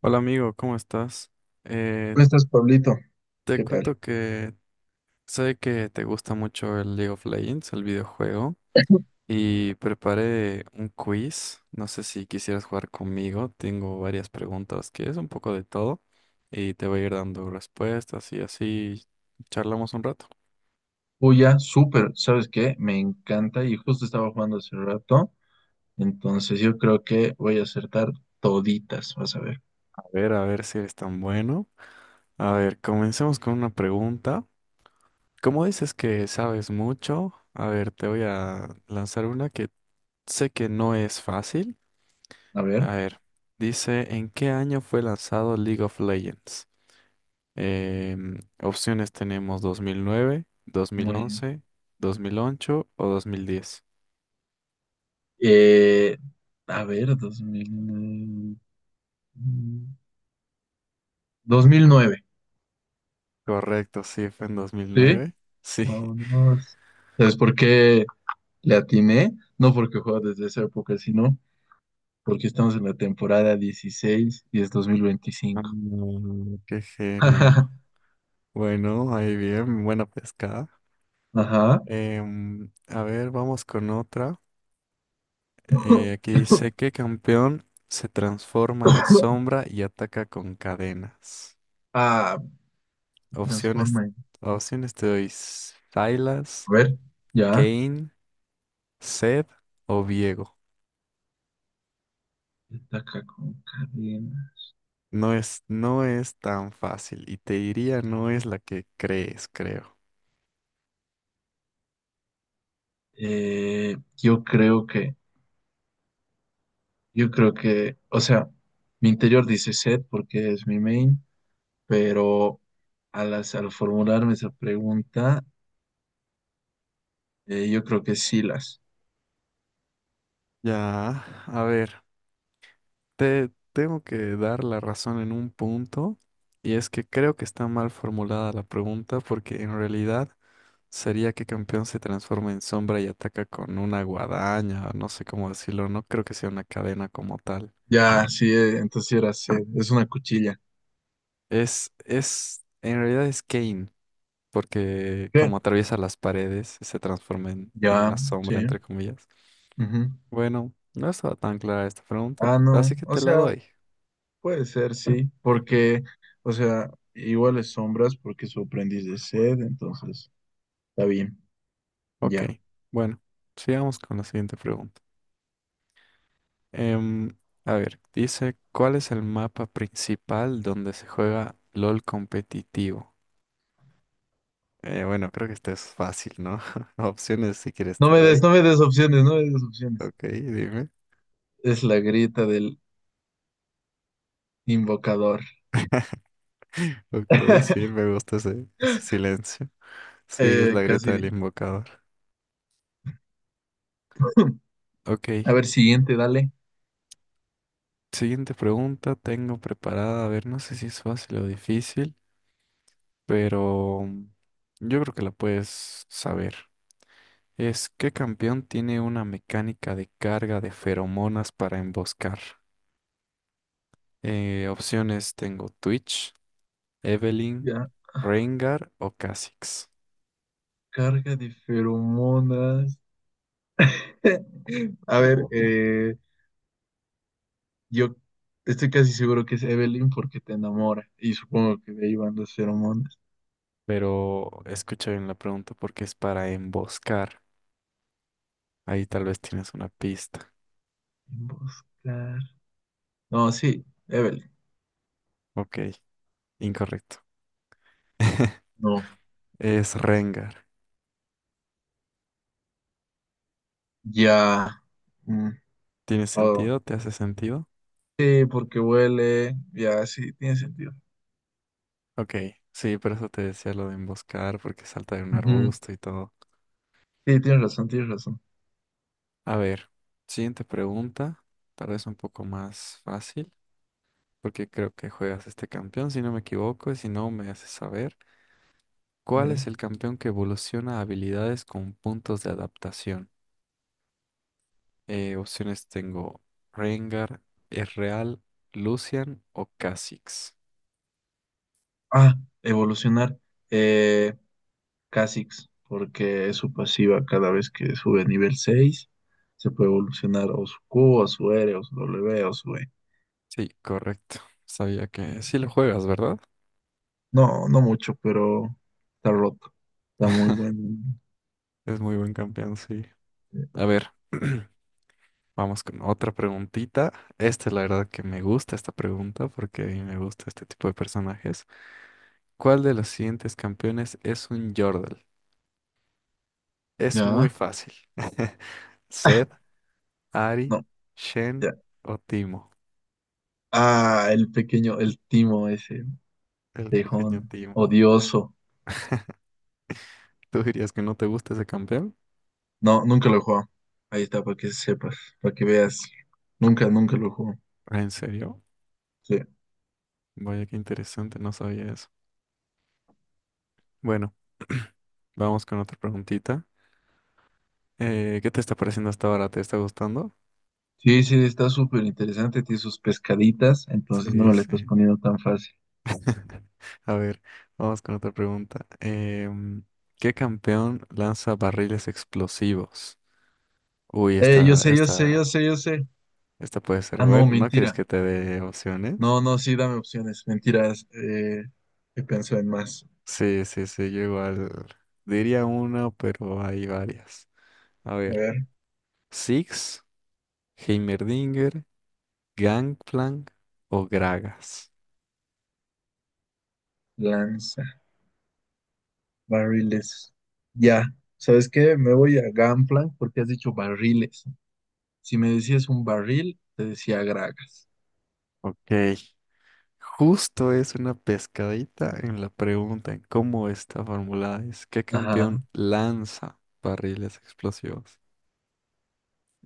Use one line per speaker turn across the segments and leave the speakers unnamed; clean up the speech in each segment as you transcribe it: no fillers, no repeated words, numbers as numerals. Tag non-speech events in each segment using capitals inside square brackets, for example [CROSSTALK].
Hola amigo, ¿cómo estás? Eh,
¿Cómo estás, Pablito?
Te
¿Qué tal?
cuento que sé que te gusta mucho el League of Legends, el videojuego, y preparé un quiz. No sé si quisieras jugar conmigo. Tengo varias preguntas que es un poco de todo y te voy a ir dando respuestas y así charlamos un rato.
Uya, súper, ¿sabes qué? Me encanta y justo estaba jugando hace rato, entonces yo creo que voy a acertar toditas, vas a ver.
A ver si eres tan bueno. A ver, comencemos con una pregunta. ¿Como dices que sabes mucho? A ver, te voy a lanzar una que sé que no es fácil.
A ver,
A ver, dice, ¿en qué año fue lanzado League of Legends? Opciones tenemos dos mil nueve, dos mil
muy bien.
once, 2008 o 2010.
Eh, a ver, dos mil 2009,
Correcto, sí, fue en dos mil
¿sí?
nueve. Sí. [LAUGHS]
Vámonos. ¿Sabes por qué le atiné? No porque juego desde esa época, sino porque estamos en la temporada 16 y es 2025.
Mm, qué
[LAUGHS]
genio. Bueno, ahí bien, buena pescada.
Ajá.
A ver, vamos con otra. Aquí dice,
[LAUGHS]
¿qué campeón se transforma en
[COUGHS]
sombra y ataca con cadenas?
Ah,
Opciones,
transforma.
opciones te doy Silas,
A ver, ya.
Kane, Seth o Diego.
Está acá con cadena.
No es tan fácil y te diría no es la que crees, creo.
Eh, yo creo que, yo creo que, o sea, mi interior dice set porque es mi main, pero al formularme esa pregunta, yo creo que sí las.
Ya, a ver, te tengo que dar la razón en un punto y es que creo que está mal formulada la pregunta porque en realidad sería que campeón se transforma en sombra y ataca con una guadaña, o no sé cómo decirlo, no creo que sea una cadena como tal.
Ya, sí, entonces sí era set. Es una cuchilla.
En realidad es Kane, porque
¿Qué?
como atraviesa las paredes, se transforma en la
Ya,
sombra,
sí.
entre comillas.
Ujú.
Bueno, no estaba tan clara esta pregunta,
Ah,
así
no.
que
O
te la
sea.
doy.
Puede ser, sí, porque, o sea, igual es sombras porque su aprendiz de sed, entonces está bien,
Ok,
ya.
bueno, sigamos con la siguiente pregunta. Em, a ver, dice, ¿cuál es el mapa principal donde se juega LOL competitivo? Bueno, creo que esto es fácil, ¿no? [LAUGHS] Opciones si quieres
No
te
me des,
doy.
no me des opciones, no me des opciones.
Ok, dime.
Es la grita del invocador.
Ok, sí,
[LAUGHS]
me gusta ese silencio. Sí, es la grieta del
Casi.
invocador.
A
Ok,
ver, siguiente, dale.
siguiente pregunta tengo preparada. A ver, no sé si es fácil o difícil, pero mm, yo creo que la puedes saber. Es, ¿qué campeón tiene una mecánica de carga de feromonas para emboscar? Opciones tengo Twitch, Evelynn,
Ya.
Rengar o Kha'Zix.
Carga de feromonas. [LAUGHS] A ver, yo estoy casi seguro que es Evelyn porque te enamora y supongo que de ahí van las feromonas.
Pero escucha bien la pregunta porque es para emboscar. Ahí tal vez tienes una pista.
Buscar. No, sí, Evelyn.
Ok, incorrecto.
No,
Es Rengar.
ya. Mm,
¿Tiene
oh,
sentido? ¿Te hace sentido?
sí, porque huele. Ya, sí, tiene sentido.
Ok, sí, por eso te decía lo de emboscar, porque salta de un
Ujú,
arbusto y todo.
sí, tienes razón, tienes razón.
A ver, siguiente pregunta, tal vez un poco más fácil, porque creo que juegas este campeón, si no me equivoco, y si no me haces saber.
A
¿Cuál es
ver.
el campeón que evoluciona habilidades con puntos de adaptación? Opciones tengo Rengar, Ezreal, Lucian o Kha'Zix.
Ah, evolucionar. Eh, Kha'Zix, porque es su pasiva cada vez que sube a nivel 6. Se puede evolucionar o su Q, o su R, o su W, o su E.
Sí, correcto. Sabía que sí lo juegas, ¿verdad?
No, no mucho, pero está roto. Está muy bueno.
Es muy buen campeón, sí.
Eh,
A ver, [CLEARS THROAT] vamos con otra preguntita. Esta es la verdad que me gusta esta pregunta porque a mí me gusta este tipo de personajes. ¿Cuál de los siguientes campeones es un Yordle? Es
ya,
muy fácil. [LAUGHS] Zed, Ari,
no,
Shen
ya.
o Timo.
Ah, el pequeño, el Timo ese,
El pequeño
tejón,
Timo.
odioso.
¿Tú dirías que no te gusta ese campeón?
No, nunca lo jugó. Ahí está, para que sepas, para que veas. Nunca, nunca lo jugó.
¿En serio?
Sí,
Vaya qué interesante, no sabía eso. Bueno, [CLEARS THROAT] vamos con otra preguntita. ¿qué te está pareciendo hasta ahora? ¿Te está gustando?
sí, sí, está súper interesante. Tiene sus pescaditas, entonces no
Sí,
me la estás
sí.
poniendo tan fácil.
[LAUGHS] A ver, vamos con otra pregunta. ¿qué campeón lanza barriles explosivos? Uy,
Yo sé, yo sé, yo sé, yo sé.
esta puede ser
Ah, no,
bueno. ¿No quieres
mentira.
que te dé opciones?
No, no, sí, dame opciones. Mentiras. He pensado en más.
Sí, sí, sí, yo igual diría una, pero hay varias. A
A
ver,
ver,
Six, Heimerdinger, Gangplank o Gragas.
lanza, barriles. Ya, ¿sabes qué? Me voy a Gunplank porque has dicho barriles. Si me decías un barril, te decía gragas.
Ok, justo es una pescadita en la pregunta en cómo está formulada es ¿qué
Ajá,
campeón lanza barriles explosivos?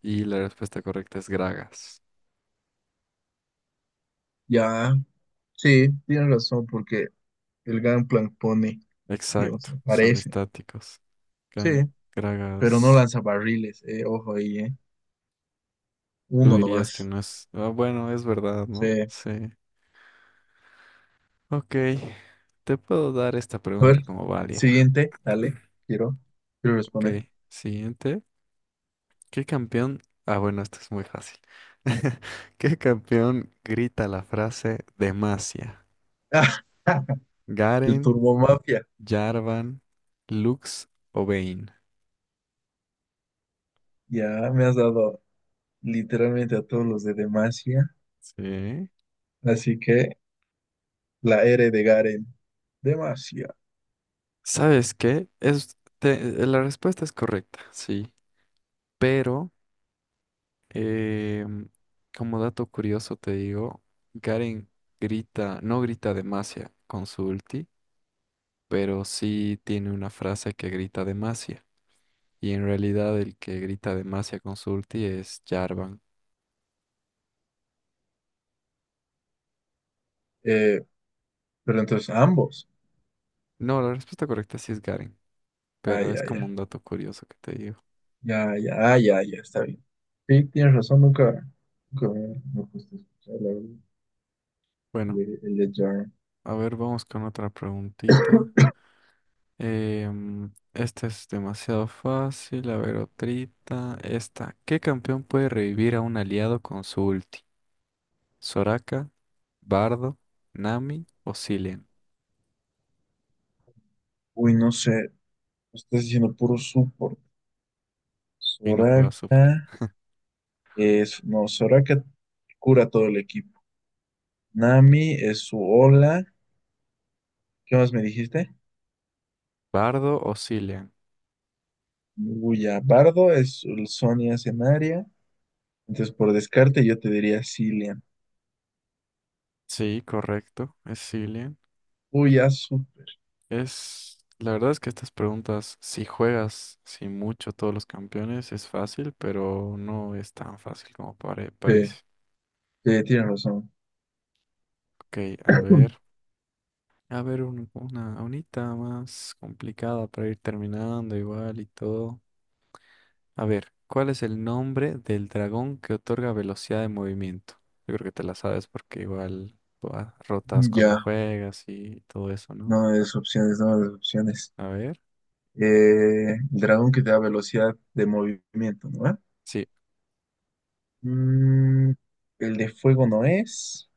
Y la respuesta correcta es Gragas.
ya, sí, tienes razón, porque el Gangplank pone, digamos,
Exacto, son
aparece.
estáticos.
Sí,
Gan-
pero no
Gragas,
lanza barriles, ojo ahí, eh.
tú
Uno
dirías que
nomás.
no es... Ah, bueno, es verdad,
Sí.
¿no?
A
Sí. Ok, te puedo dar esta
ver,
pregunta como válida.
siguiente, dale, quiero, quiero
Ok,
responder.
siguiente. ¿Qué campeón? Ah, bueno, esto es muy fácil. [LAUGHS] ¿Qué campeón grita la frase Demacia?
[LAUGHS] el
Garen,
Turbo Mafia.
Jarvan, Lux o Vayne.
Ya me has dado literalmente a todos los de Demacia,
Sí.
así que la R de Garen. Demacia.
¿Sabes qué? La respuesta es correcta, sí. Pero, em, como dato curioso te digo, Garen no grita demasia con su ulti, pero sí tiene una frase que grita demasia. Y en realidad el que grita demasia con su ulti es Jarvan.
Eh, pero entonces ambos.
No, la respuesta correcta sí es Garen,
Ay,
pero
ay,
es como
ay.
un dato curioso que te digo.
Ya, ya, ah, ya, ya, está bien. Sí, tienes razón, nunca, nunca me puse a escuchar la verdad,
Bueno.
el de Jarn.
A ver, vamos con otra preguntita. Esta es demasiado fácil. A ver, otrita. Esta. ¿Qué campeón puede revivir a un aliado con su ulti? ¿Soraka, Bardo, Nami o Zilean?
Uy, no sé, me estás diciendo puro support.
Y no juega
Soraka
support.
es, no, Soraka cura todo el equipo. Nami es su ola. ¿Qué más me dijiste?
¿Bardo o Zilean?
Luya Bardo es el Sonia Cenaria. Entonces, por descarte, yo te diría Cillian.
Sí, correcto. Es Zilean.
Uy, ya, súper.
Es... La verdad es que estas preguntas, si juegas sin mucho todos los campeones, es fácil, pero no es tan fácil como
Sí,
parece.
sí, tienes razón.
Ok, a ver.
[CLEARS THROAT]
A ver, unita más complicada para ir terminando igual y todo. A ver, ¿cuál es el nombre del dragón que otorga velocidad de movimiento? Yo creo que te la sabes porque igual buah, rotas cuando
Ya,
juegas y todo eso, ¿no?
no me des opciones, no me des opciones.
A ver.
El dragón que te da velocidad de movimiento, ¿no? ¿Eh?
Sí,
Mm, el de fuego no es.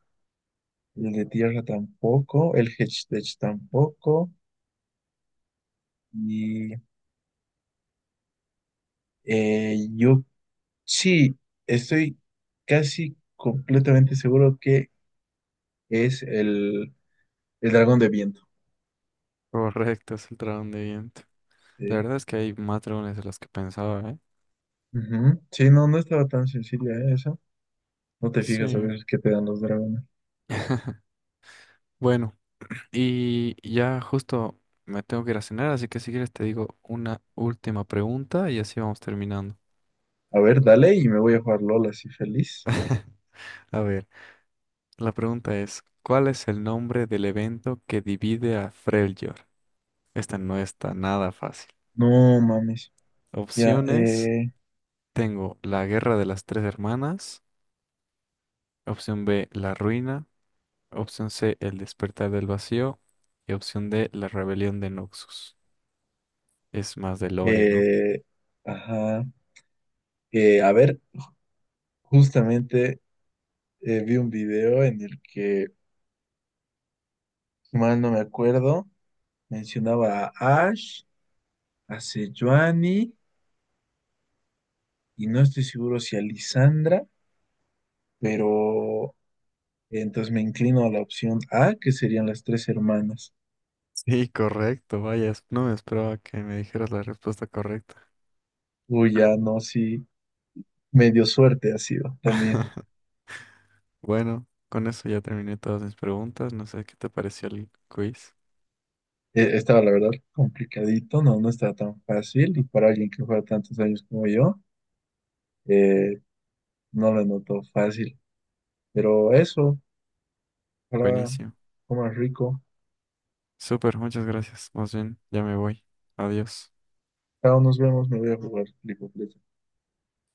El de tierra tampoco. El Hedgehog tampoco. Y yo sí, estoy casi completamente seguro que es el dragón de viento.
[LAUGHS] correcto, es el dragón de viento. La
Sí.
verdad es que hay más dragones de los que pensaba, ¿eh?
Ujú. Sí, no, no estaba tan sencilla, ¿eh? Esa. No te fijas a
Sí.
ver qué te dan los dragones.
Bueno, y ya justo me tengo que ir a cenar, así que si quieres te digo una última pregunta y así vamos terminando.
A ver, dale y me voy a jugar LOL así feliz.
A ver. La pregunta es, ¿cuál es el nombre del evento que divide a Freljord? Esta no está nada fácil.
No mames. Ya,
Opciones, tengo la Guerra de las Tres Hermanas, opción B, la Ruina, opción C, el Despertar del Vacío y opción D, la Rebelión de Noxus. Es más de lore, ¿no?
Eh, ajá. A ver, justamente vi un video en el que, si mal no me acuerdo, mencionaba a Ash, a Sejuani, y no estoy seguro si a Lisandra, pero entonces me inclino a la opción A, que serían las tres hermanas.
Sí, correcto, vaya, no me esperaba que me dijeras la respuesta correcta.
Uy, ya no, sí, medio suerte ha sido también.
Bueno, con eso ya terminé todas mis preguntas, no sé qué te pareció el quiz.
Estaba, la verdad, complicadito, no, no estaba tan fácil, y para alguien que juega tantos años como yo, eh, no lo noto fácil. Pero eso, ojalá
Buenísimo.
comas rico.
Súper, muchas gracias. Más bien, ya me voy. Adiós.
Chao, nos vemos, me voy a jugar League of Legends.